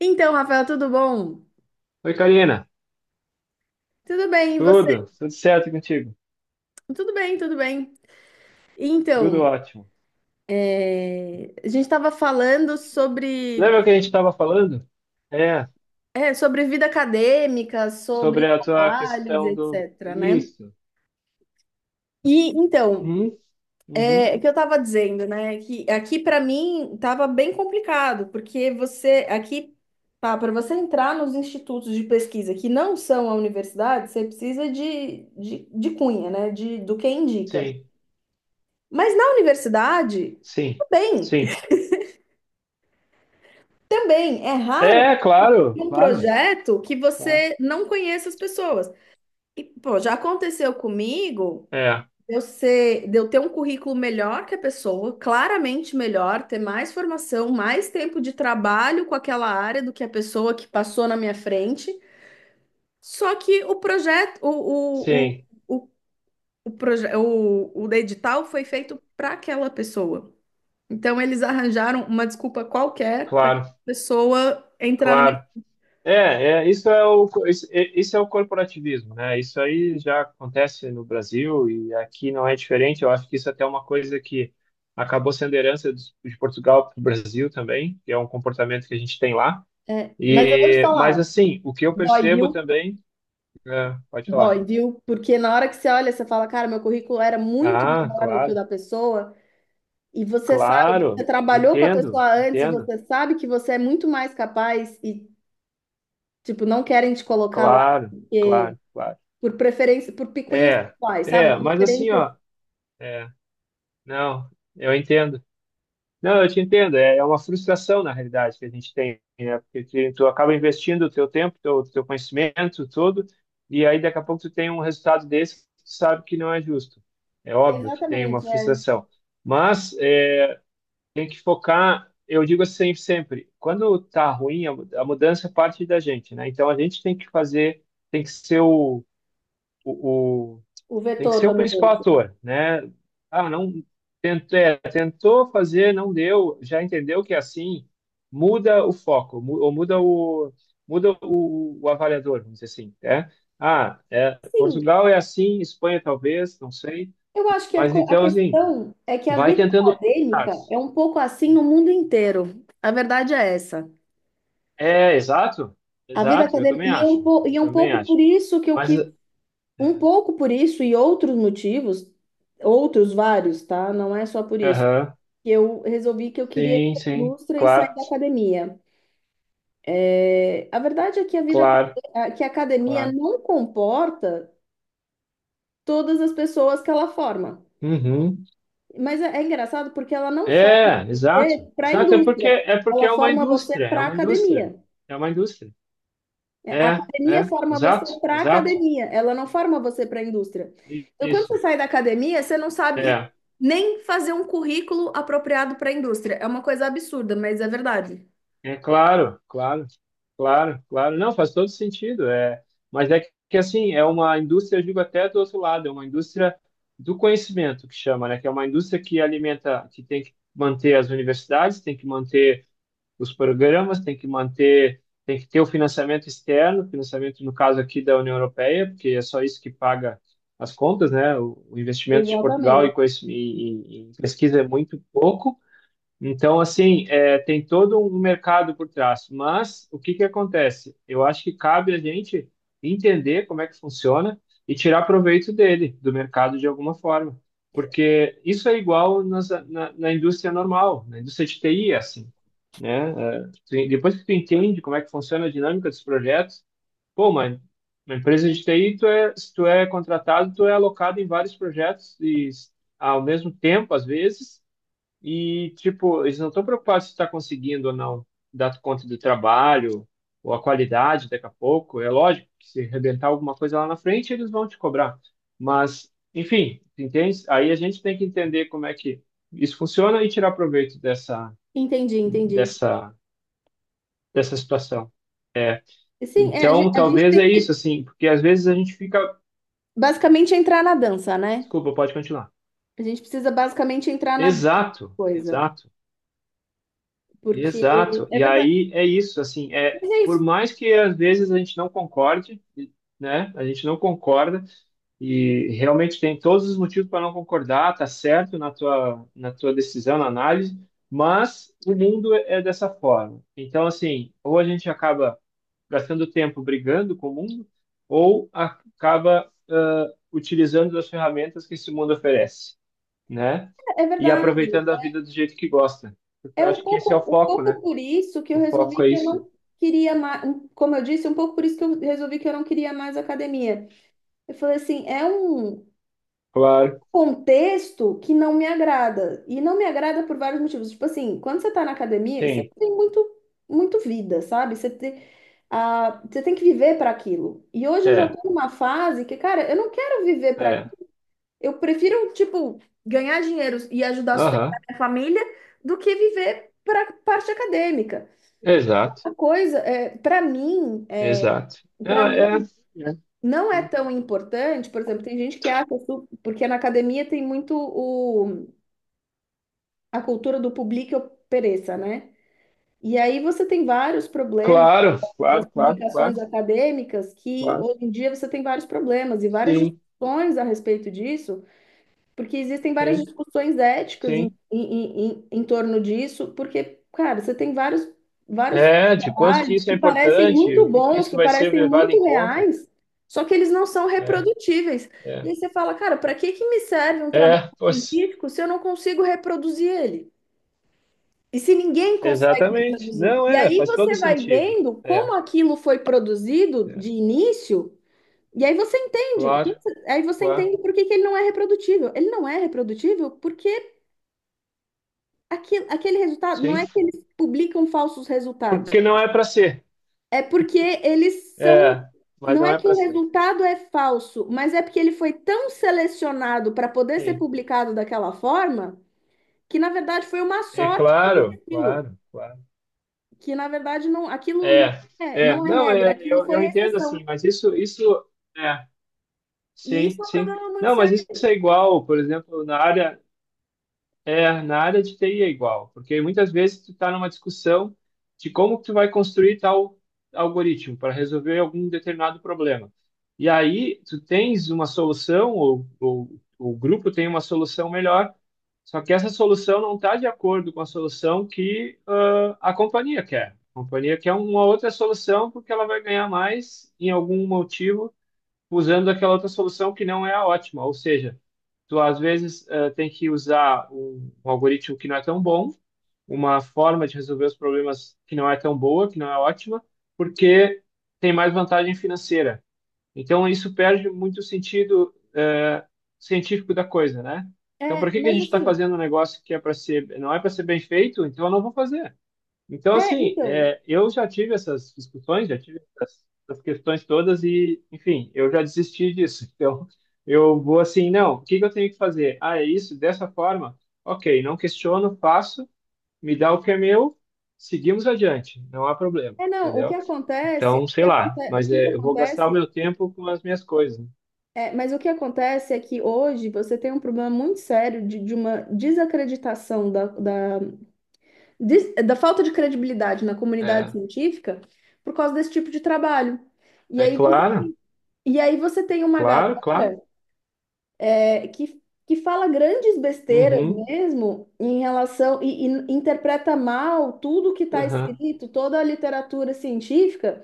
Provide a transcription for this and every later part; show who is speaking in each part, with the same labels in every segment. Speaker 1: Então, Rafael, tudo bom?
Speaker 2: Oi, Karina.
Speaker 1: Tudo bem, e você?
Speaker 2: Tudo? Tudo certo contigo?
Speaker 1: Tudo bem, tudo bem.
Speaker 2: Tudo
Speaker 1: Então,
Speaker 2: ótimo.
Speaker 1: a gente estava falando sobre,
Speaker 2: Lembra que a gente estava falando? É,
Speaker 1: sobre vida acadêmica, sobre
Speaker 2: Sobre a tua
Speaker 1: trabalhos,
Speaker 2: questão.
Speaker 1: etc, né?
Speaker 2: Isso.
Speaker 1: E então,
Speaker 2: Uhum, uhum.
Speaker 1: o que eu estava dizendo, né? Que aqui para mim estava bem complicado, porque você aqui para você entrar nos institutos de pesquisa que não são a universidade, você precisa de cunha, né? De, do que indica.
Speaker 2: Sim,
Speaker 1: Mas na universidade,
Speaker 2: sim,
Speaker 1: tudo bem.
Speaker 2: sim.
Speaker 1: Também é raro
Speaker 2: É, claro,
Speaker 1: um
Speaker 2: claro,
Speaker 1: projeto que
Speaker 2: claro.
Speaker 1: você não conheça as pessoas. E, pô, já aconteceu comigo
Speaker 2: É,
Speaker 1: de eu ter um currículo melhor que a pessoa, claramente melhor, ter mais formação, mais tempo de trabalho com aquela área do que a pessoa que passou na minha frente. Só que o projeto,
Speaker 2: sim,
Speaker 1: o, o, proje- o edital foi feito para aquela pessoa. Então, eles arranjaram uma desculpa qualquer para a
Speaker 2: claro,
Speaker 1: pessoa entrar.
Speaker 2: claro. É, é, isso é o corporativismo, né? Isso aí já acontece no Brasil e aqui não é diferente. Eu acho que isso até é uma coisa que acabou sendo herança de Portugal para o Brasil também, que é um comportamento que a gente tem lá.
Speaker 1: É, mas eu vou te
Speaker 2: E, mas
Speaker 1: falar,
Speaker 2: assim, o que eu
Speaker 1: dói,
Speaker 2: percebo
Speaker 1: viu?
Speaker 2: também, pode falar.
Speaker 1: Dói, viu? Porque na hora que você olha, você fala, cara, meu currículo era muito
Speaker 2: Ah,
Speaker 1: melhor do que o
Speaker 2: claro,
Speaker 1: da pessoa, e você sabe, você
Speaker 2: claro,
Speaker 1: trabalhou com a
Speaker 2: entendo,
Speaker 1: pessoa antes, e
Speaker 2: entendo,
Speaker 1: você sabe que você é muito mais capaz, e, tipo, não querem te colocar lá
Speaker 2: claro, claro, claro.
Speaker 1: por preferência, por picuinhas
Speaker 2: É,
Speaker 1: pessoais, sabe?
Speaker 2: é, mas assim,
Speaker 1: Preferências.
Speaker 2: ó, é, não, eu entendo. Não, eu te entendo. É, é uma frustração, na realidade, que a gente tem, né? Porque tu acaba investindo o teu tempo, teu conhecimento todo, e aí daqui a pouco tu tem um resultado desse que tu sabe que não é justo. É óbvio que tem uma
Speaker 1: Exatamente, é
Speaker 2: frustração. Mas é, tem que focar, eu digo assim sempre, quando tá ruim, a mudança parte da gente, né? Então a gente tem que fazer, tem que ser o,
Speaker 1: o
Speaker 2: tem que
Speaker 1: vetor
Speaker 2: ser
Speaker 1: da
Speaker 2: o principal
Speaker 1: mudança.
Speaker 2: ator, né? Ah, não tentou, é, tentou fazer, não deu, já entendeu que é assim, muda o foco, ou o avaliador, vamos dizer assim, né? Ah, é,
Speaker 1: Sim,
Speaker 2: Portugal é assim, Espanha talvez, não sei,
Speaker 1: eu acho que
Speaker 2: mas
Speaker 1: a
Speaker 2: então assim,
Speaker 1: questão é que a
Speaker 2: vai
Speaker 1: vida
Speaker 2: tentando outros
Speaker 1: acadêmica
Speaker 2: mercados.
Speaker 1: é um pouco assim no mundo inteiro. A verdade é essa.
Speaker 2: É, exato,
Speaker 1: A vida
Speaker 2: exato, eu
Speaker 1: acadêmica,
Speaker 2: também
Speaker 1: e
Speaker 2: acho,
Speaker 1: e
Speaker 2: eu
Speaker 1: é um
Speaker 2: também
Speaker 1: pouco
Speaker 2: acho.
Speaker 1: por isso que eu
Speaker 2: Mas,
Speaker 1: quis, um
Speaker 2: é,
Speaker 1: pouco por isso e outros motivos, outros vários, tá? Não é só por isso,
Speaker 2: aham,
Speaker 1: que eu resolvi que eu queria ir
Speaker 2: sim,
Speaker 1: para a
Speaker 2: sim,
Speaker 1: indústria e
Speaker 2: claro,
Speaker 1: sair da academia. É, a verdade é que a vida, aca-
Speaker 2: claro,
Speaker 1: a- que a academia
Speaker 2: claro.
Speaker 1: não comporta todas as pessoas que ela forma.
Speaker 2: Uhum.
Speaker 1: Mas é, é engraçado porque ela não forma
Speaker 2: É, exato.
Speaker 1: você para a
Speaker 2: Exato, é porque
Speaker 1: indústria,
Speaker 2: é porque
Speaker 1: ela
Speaker 2: é uma
Speaker 1: forma você
Speaker 2: indústria, é
Speaker 1: para a
Speaker 2: uma indústria,
Speaker 1: academia.
Speaker 2: é uma indústria.
Speaker 1: É, a
Speaker 2: É,
Speaker 1: academia
Speaker 2: é,
Speaker 1: forma você
Speaker 2: exato,
Speaker 1: para a
Speaker 2: exato.
Speaker 1: academia, ela não forma você para a indústria. Então, quando você
Speaker 2: Isso.
Speaker 1: sai da academia, você não sabe
Speaker 2: É,
Speaker 1: nem fazer um currículo apropriado para a indústria. É uma coisa absurda, mas é verdade.
Speaker 2: é claro, claro, claro, claro. Não, faz todo sentido. É, mas é que, assim, é uma indústria, eu digo até do outro lado, é uma indústria do conhecimento que chama, né? Que é uma indústria que alimenta, que tem que manter as universidades, tem que manter os programas, tem que manter, tem que ter o financiamento externo, financiamento no caso aqui da União Europeia, porque é só isso que paga as contas, né? O investimento de Portugal em,
Speaker 1: Exatamente.
Speaker 2: conhec- em, em em pesquisa é muito pouco. Então, assim, é, tem todo um mercado por trás. Mas o que que acontece? Eu acho que cabe a gente entender como é que funciona e tirar proveito dele, do mercado de alguma forma. Porque isso é igual na indústria normal, na indústria de TI, é assim, né? É, tu- depois que tu entende como é que funciona a dinâmica dos projetos, pô, mano, uma empresa de TI, se tu é contratado, tu é alocado em vários projetos e ao mesmo tempo, às vezes e, tipo, eles não estão preocupados se está conseguindo ou não dar conta do trabalho ou a qualidade daqui a pouco. É lógico que se arrebentar alguma coisa lá na frente, eles vão te cobrar. Mas, enfim, entende? Aí a gente tem que entender como é que isso funciona e tirar proveito
Speaker 1: Entendi, entendi.
Speaker 2: dessa, dessa situação.
Speaker 1: Sim, é,
Speaker 2: Então,
Speaker 1: a gente
Speaker 2: talvez
Speaker 1: tem
Speaker 2: é isso,
Speaker 1: que
Speaker 2: assim, porque às vezes a gente fica.
Speaker 1: basicamente entrar na dança, né?
Speaker 2: Desculpa, pode continuar.
Speaker 1: A gente precisa basicamente entrar na dança,
Speaker 2: Exato,
Speaker 1: coisa.
Speaker 2: exato.
Speaker 1: Porque
Speaker 2: Exato.
Speaker 1: é
Speaker 2: E
Speaker 1: verdade.
Speaker 2: aí é isso, assim, é
Speaker 1: Mas é
Speaker 2: por
Speaker 1: isso,
Speaker 2: mais que às vezes a gente não concorde, né? A gente não concorda e realmente tem todos os motivos para não concordar, tá certo na tua decisão, na análise, mas o mundo é dessa forma. Então, assim, ou a gente acaba gastando tempo brigando com o mundo, ou acaba ah, utilizando as ferramentas que esse mundo oferece, né?
Speaker 1: é
Speaker 2: E
Speaker 1: verdade.
Speaker 2: aproveitando a vida do jeito que gosta. Porque
Speaker 1: É
Speaker 2: eu acho que esse é o
Speaker 1: um
Speaker 2: foco,
Speaker 1: pouco
Speaker 2: né?
Speaker 1: por isso que eu
Speaker 2: O foco
Speaker 1: resolvi
Speaker 2: é
Speaker 1: que eu
Speaker 2: isso.
Speaker 1: não queria mais, como eu disse, um pouco por isso que eu resolvi que eu não queria mais academia. Eu falei assim, é um
Speaker 2: Claro.
Speaker 1: contexto que não me agrada. E não me agrada por vários motivos. Tipo assim, quando você tá na academia, você
Speaker 2: Sim.
Speaker 1: tem muito, muito vida, sabe? Você tem, ah, você tem que viver para aquilo. E hoje eu já
Speaker 2: É,
Speaker 1: tô numa fase que, cara, eu não quero viver para aquilo.
Speaker 2: é.
Speaker 1: Eu prefiro, tipo, ganhar dinheiro e ajudar a sustentar
Speaker 2: Aham.
Speaker 1: minha família do que viver para parte acadêmica.
Speaker 2: Exato.
Speaker 1: Uma coisa, é,
Speaker 2: Exato. Não,
Speaker 1: para
Speaker 2: é, é.
Speaker 1: mim não é tão importante, por exemplo, tem gente que acha, porque na academia tem muito o, a cultura do publique ou pereça, né? E aí você tem vários problemas
Speaker 2: Claro,
Speaker 1: das
Speaker 2: claro, claro, claro,
Speaker 1: publicações acadêmicas, que
Speaker 2: claro.
Speaker 1: hoje em dia você tem vários problemas e várias
Speaker 2: Sim,
Speaker 1: discussões a respeito disso. Porque existem várias
Speaker 2: sim,
Speaker 1: discussões éticas em,
Speaker 2: sim.
Speaker 1: em, em, em torno disso, porque, cara, você tem vários, vários
Speaker 2: É, de quanto que
Speaker 1: trabalhos
Speaker 2: isso é
Speaker 1: que parecem
Speaker 2: importante, o
Speaker 1: muito
Speaker 2: que que
Speaker 1: bons,
Speaker 2: isso
Speaker 1: que
Speaker 2: vai ser
Speaker 1: parecem
Speaker 2: levado em
Speaker 1: muito
Speaker 2: conta.
Speaker 1: reais, só que eles não são
Speaker 2: É,
Speaker 1: reprodutíveis. E
Speaker 2: é.
Speaker 1: aí você fala, cara, para que que me serve um
Speaker 2: É,
Speaker 1: trabalho
Speaker 2: pois,
Speaker 1: científico se eu não consigo reproduzir ele? E se ninguém consegue
Speaker 2: exatamente.
Speaker 1: reproduzir?
Speaker 2: Não,
Speaker 1: E
Speaker 2: é,
Speaker 1: aí
Speaker 2: faz todo
Speaker 1: você vai
Speaker 2: sentido.
Speaker 1: vendo
Speaker 2: É,
Speaker 1: como aquilo foi produzido
Speaker 2: é.
Speaker 1: de início. E
Speaker 2: Claro,
Speaker 1: aí você
Speaker 2: claro.
Speaker 1: entende por que que ele não é reprodutível. Ele não é reprodutível porque aquele, aquele resultado, não
Speaker 2: Sim.
Speaker 1: é que eles publicam falsos resultados,
Speaker 2: Porque não é para ser.
Speaker 1: é porque eles são,
Speaker 2: É, mas
Speaker 1: não
Speaker 2: não
Speaker 1: é
Speaker 2: é
Speaker 1: que
Speaker 2: para
Speaker 1: o
Speaker 2: ser.
Speaker 1: resultado é falso, mas é porque ele foi tão selecionado para poder ser
Speaker 2: Sim.
Speaker 1: publicado daquela forma, que na verdade foi uma
Speaker 2: É
Speaker 1: sorte conseguir
Speaker 2: claro,
Speaker 1: aquilo,
Speaker 2: claro, claro.
Speaker 1: que na verdade não, aquilo não
Speaker 2: É,
Speaker 1: é,
Speaker 2: é,
Speaker 1: não é
Speaker 2: não,
Speaker 1: regra,
Speaker 2: é,
Speaker 1: aquilo foi
Speaker 2: eu entendo assim,
Speaker 1: exceção.
Speaker 2: mas isso, é,
Speaker 1: E
Speaker 2: sim,
Speaker 1: isso é um
Speaker 2: sim.
Speaker 1: problema muito
Speaker 2: Não, mas
Speaker 1: sério.
Speaker 2: isso é igual, por exemplo, na área, é, na área de TI é igual, porque muitas vezes tu está numa discussão de como que tu vai construir tal algoritmo para resolver algum determinado problema. E aí tu tens uma solução, ou o grupo tem uma solução melhor, só que essa solução não está de acordo com a solução que ah, a companhia quer. A companhia quer uma outra solução porque ela vai ganhar mais em algum motivo usando aquela outra solução que não é a ótima. Ou seja, tu às vezes eh, tem que usar um algoritmo que não é tão bom, uma forma de resolver os problemas que não é tão boa, que não é ótima, porque tem mais vantagem financeira. Então isso perde muito o sentido eh, científico da coisa, né? Então,
Speaker 1: É,
Speaker 2: por que que a
Speaker 1: mas
Speaker 2: gente está
Speaker 1: assim,
Speaker 2: fazendo um negócio que é para ser, não é para ser bem feito? Então, eu não vou fazer. Então,
Speaker 1: é,
Speaker 2: assim,
Speaker 1: então.
Speaker 2: é, eu já tive essas discussões, já tive essas, essas questões todas e, enfim, eu já desisti disso. Então, eu vou assim, não, o que que eu tenho que fazer? Ah, é isso, dessa forma? Ok, não questiono, faço, me dá o que é meu, seguimos adiante, não há problema,
Speaker 1: É, não, o que
Speaker 2: entendeu?
Speaker 1: acontece,
Speaker 2: Então,
Speaker 1: o que
Speaker 2: sei lá,
Speaker 1: aconte- o
Speaker 2: mas
Speaker 1: que que
Speaker 2: é, eu vou gastar o
Speaker 1: acontece,
Speaker 2: meu tempo com as minhas coisas. Né?
Speaker 1: é, mas o que acontece é que hoje você tem um problema muito sério de uma desacreditação da falta de credibilidade na comunidade
Speaker 2: É,
Speaker 1: científica por causa desse tipo de trabalho. E
Speaker 2: é
Speaker 1: aí você,
Speaker 2: claro,
Speaker 1: e aí você tem uma
Speaker 2: claro, claro.
Speaker 1: galera, é, que fala grandes besteiras
Speaker 2: Uhum,
Speaker 1: mesmo em relação, e interpreta mal tudo que está
Speaker 2: uhum.
Speaker 1: escrito, toda a literatura científica.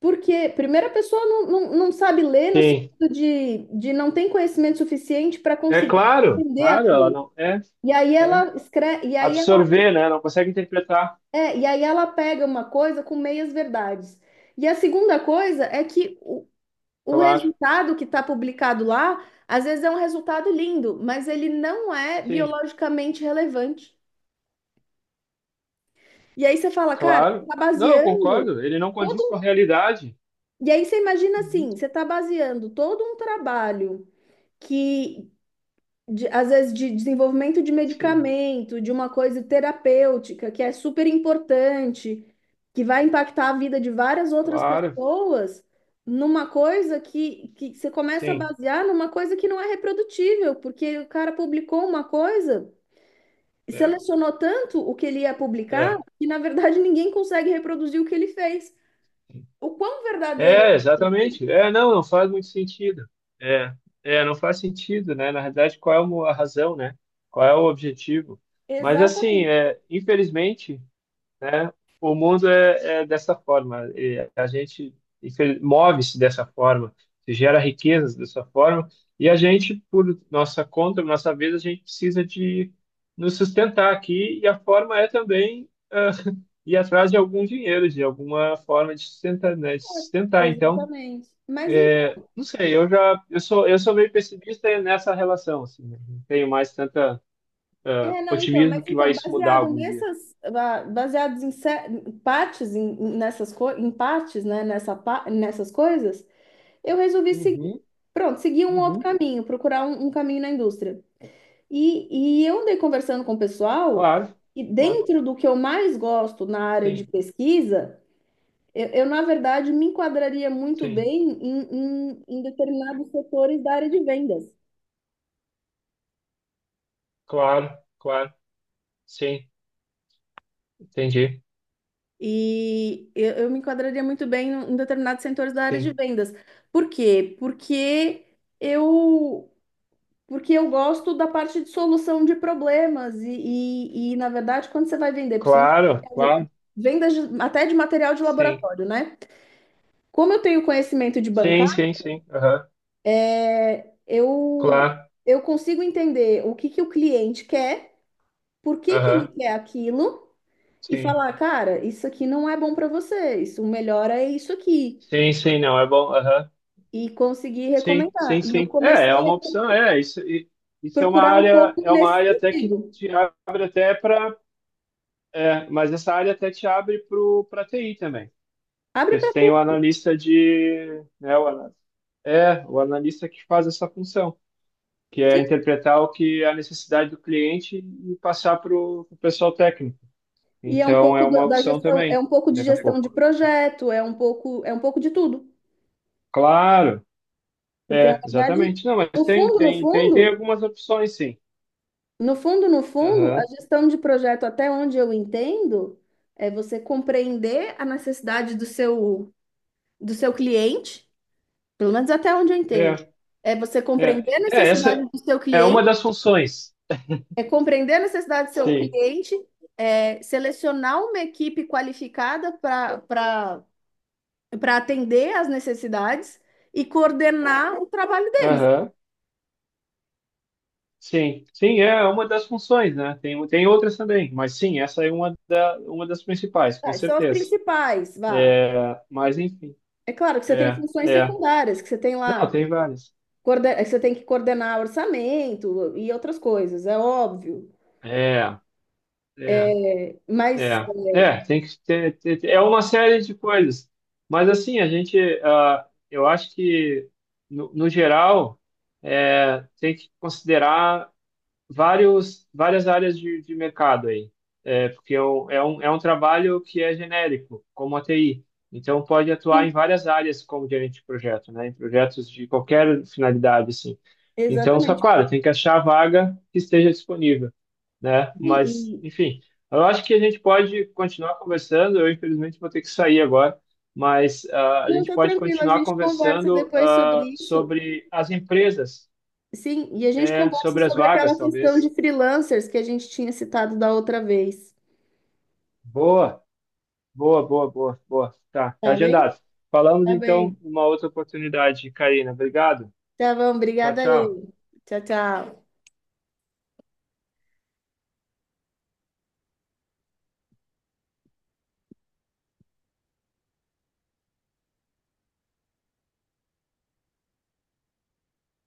Speaker 1: Porque, primeiro, a pessoa não sabe ler no
Speaker 2: Sim,
Speaker 1: sentido de não tem conhecimento suficiente para
Speaker 2: é
Speaker 1: conseguir
Speaker 2: claro,
Speaker 1: entender
Speaker 2: claro, ela
Speaker 1: aquilo.
Speaker 2: não é.
Speaker 1: E aí
Speaker 2: É.
Speaker 1: ela escreve,
Speaker 2: Absorver, né? Não consegue interpretar.
Speaker 1: e aí ela pega uma coisa com meias verdades. E a segunda coisa é que o
Speaker 2: Claro,
Speaker 1: resultado que está publicado lá, às vezes é um resultado lindo, mas ele não é
Speaker 2: sim,
Speaker 1: biologicamente relevante. E aí você fala, cara, você
Speaker 2: claro.
Speaker 1: está
Speaker 2: Não, eu
Speaker 1: baseando
Speaker 2: concordo. Ele não
Speaker 1: todo
Speaker 2: condiz com
Speaker 1: um...
Speaker 2: a realidade.
Speaker 1: E aí você imagina
Speaker 2: Uhum.
Speaker 1: assim, você está baseando todo um trabalho que às vezes de desenvolvimento de
Speaker 2: Sim,
Speaker 1: medicamento, de uma coisa terapêutica que é super importante, que vai impactar a vida de várias outras
Speaker 2: claro,
Speaker 1: pessoas, numa coisa que você começa a
Speaker 2: sim.
Speaker 1: basear numa coisa que não é reprodutível, porque o cara publicou uma coisa e
Speaker 2: É,
Speaker 1: selecionou tanto o que ele ia publicar
Speaker 2: é,
Speaker 1: que, na verdade, ninguém consegue reproduzir o que ele fez. O quão verdadeiro é
Speaker 2: é,
Speaker 1: o que ele fez?
Speaker 2: exatamente. É, não, não faz muito sentido. É, é, não faz sentido, né? Na realidade, qual é a razão, né? Qual é o objetivo? Mas assim,
Speaker 1: Exatamente,
Speaker 2: é, infelizmente. Né? O mundo é, é dessa forma. E a gente move-se dessa forma, se gera riquezas dessa forma, e a gente, por nossa conta, por nossa vez, a gente precisa de nos sustentar aqui, e a forma é também ah, ir atrás de algum dinheiro, de alguma forma de sustentar, né? De sustentar. Então,
Speaker 1: exatamente. Mas
Speaker 2: não sei, eu sou meio pessimista nessa relação, assim, né? Não tenho mais tanta ah,
Speaker 1: é, não, então,
Speaker 2: otimismo
Speaker 1: mas
Speaker 2: que vai
Speaker 1: então,
Speaker 2: isso mudar algum dia.
Speaker 1: baseados em ce- em partes, em, em- nessas co- em partes, né, nessa, pa- nessas coisas, eu resolvi seguir,
Speaker 2: Uhum,
Speaker 1: pronto, seguir um outro
Speaker 2: uhum,
Speaker 1: caminho, procurar um, um caminho na indústria. E eu andei conversando com o pessoal,
Speaker 2: claro.
Speaker 1: e
Speaker 2: Claro.
Speaker 1: dentro do que eu mais gosto na área de
Speaker 2: Sim,
Speaker 1: pesquisa, na verdade, me enquadraria muito
Speaker 2: sim,
Speaker 1: bem em determinados setores da área de vendas.
Speaker 2: claro, claro, sim, entendi,
Speaker 1: E eu me enquadraria muito bem em em determinados setores da área de
Speaker 2: sim,
Speaker 1: vendas. Por quê? Eu, porque eu gosto da parte de solução de problemas. Na verdade, quando você vai vender, principalmente
Speaker 2: claro, claro,
Speaker 1: até de material de
Speaker 2: sim,
Speaker 1: laboratório, né? Como eu tenho conhecimento de bancar,
Speaker 2: sim, sim, sim, aham,
Speaker 1: eu,
Speaker 2: claro,
Speaker 1: eu consigo entender o que que o cliente quer, por que que ele
Speaker 2: aham,
Speaker 1: quer aquilo, e
Speaker 2: sim,
Speaker 1: falar, cara, isso aqui não é bom para você, isso, o melhor é isso aqui.
Speaker 2: sim, sim, não, é bom, aham,
Speaker 1: E consegui
Speaker 2: sim,
Speaker 1: recomendar.
Speaker 2: sim,
Speaker 1: E eu
Speaker 2: sim, é, é
Speaker 1: comecei a
Speaker 2: uma opção, é, isso, isso
Speaker 1: procurar um pouco
Speaker 2: é uma
Speaker 1: nesse
Speaker 2: área até que
Speaker 1: sentido.
Speaker 2: te abre até para, é, mas essa área até te abre pro, para TI também,
Speaker 1: Abre
Speaker 2: porque você
Speaker 1: para
Speaker 2: tem o
Speaker 1: tudo.
Speaker 2: analista de, né, é, o analista que faz essa função, que é
Speaker 1: Sim.
Speaker 2: interpretar o que é a necessidade do cliente e passar para o pessoal técnico.
Speaker 1: E é um
Speaker 2: Então é
Speaker 1: pouco da
Speaker 2: uma
Speaker 1: da
Speaker 2: opção
Speaker 1: gestão, é
Speaker 2: também,
Speaker 1: um pouco de
Speaker 2: daqui a
Speaker 1: gestão de
Speaker 2: pouco.
Speaker 1: projeto, é um pouco de tudo.
Speaker 2: Claro,
Speaker 1: Porque na
Speaker 2: é,
Speaker 1: verdade,
Speaker 2: exatamente. Não, mas
Speaker 1: no
Speaker 2: tem,
Speaker 1: fundo, no
Speaker 2: tem, tem, tem
Speaker 1: fundo,
Speaker 2: algumas opções, sim.
Speaker 1: no fundo, no fundo, a
Speaker 2: Aham.
Speaker 1: gestão de projeto, até onde eu entendo, é você compreender a necessidade do seu cliente, pelo menos até onde eu entendo.
Speaker 2: É,
Speaker 1: É você compreender a necessidade
Speaker 2: essa
Speaker 1: do seu
Speaker 2: é uma
Speaker 1: cliente.
Speaker 2: das funções.
Speaker 1: É compreender a necessidade do seu
Speaker 2: Sim.
Speaker 1: cliente, é, selecionar uma equipe qualificada para para atender às necessidades e coordenar o trabalho deles.
Speaker 2: Aham. Sim, sim, é uma das funções, né? Tem, tem outras também, mas sim, essa é uma, da, uma das principais, com
Speaker 1: Tá, são as
Speaker 2: certeza.
Speaker 1: principais, vá.
Speaker 2: É, mas enfim,
Speaker 1: É claro que você tem
Speaker 2: é,
Speaker 1: funções
Speaker 2: é.
Speaker 1: secundárias, que você tem
Speaker 2: Não,
Speaker 1: lá,
Speaker 2: tem várias.
Speaker 1: que você tem que coordenar orçamento e outras coisas, é óbvio.
Speaker 2: É, é.
Speaker 1: É, mas,
Speaker 2: É, é, tem que ter, é uma série de coisas. Mas assim, a gente, ah, eu acho que no geral é, tem que considerar várias áreas de mercado aí. É, porque eu, é um trabalho que é genérico, como a TI. Então, pode atuar em
Speaker 1: sim,
Speaker 2: várias áreas como gerente de projeto, né? Em projetos de qualquer finalidade, assim. Então, só
Speaker 1: exatamente.
Speaker 2: claro, tem que achar a vaga que esteja disponível, né?
Speaker 1: Sim,
Speaker 2: Mas,
Speaker 1: e
Speaker 2: enfim, eu acho que a gente pode continuar conversando. Eu, infelizmente, vou ter que sair agora, mas ah, a
Speaker 1: não,
Speaker 2: gente
Speaker 1: tá
Speaker 2: pode
Speaker 1: tranquilo, a
Speaker 2: continuar
Speaker 1: gente conversa
Speaker 2: conversando
Speaker 1: depois
Speaker 2: ah,
Speaker 1: sobre isso.
Speaker 2: sobre as empresas,
Speaker 1: Sim, e a gente
Speaker 2: é,
Speaker 1: conversa
Speaker 2: sobre as
Speaker 1: sobre aquela
Speaker 2: vagas,
Speaker 1: questão de
Speaker 2: talvez.
Speaker 1: freelancers que a gente tinha citado da outra vez.
Speaker 2: Boa, boa, boa, boa, boa. Tá, tá
Speaker 1: Tá bem?
Speaker 2: agendado. Falamos
Speaker 1: Tá bem.
Speaker 2: então numa outra oportunidade, Karina. Obrigado.
Speaker 1: Tá bom,
Speaker 2: Tchau,
Speaker 1: obrigada
Speaker 2: tchau.
Speaker 1: aí. Tchau, tchau.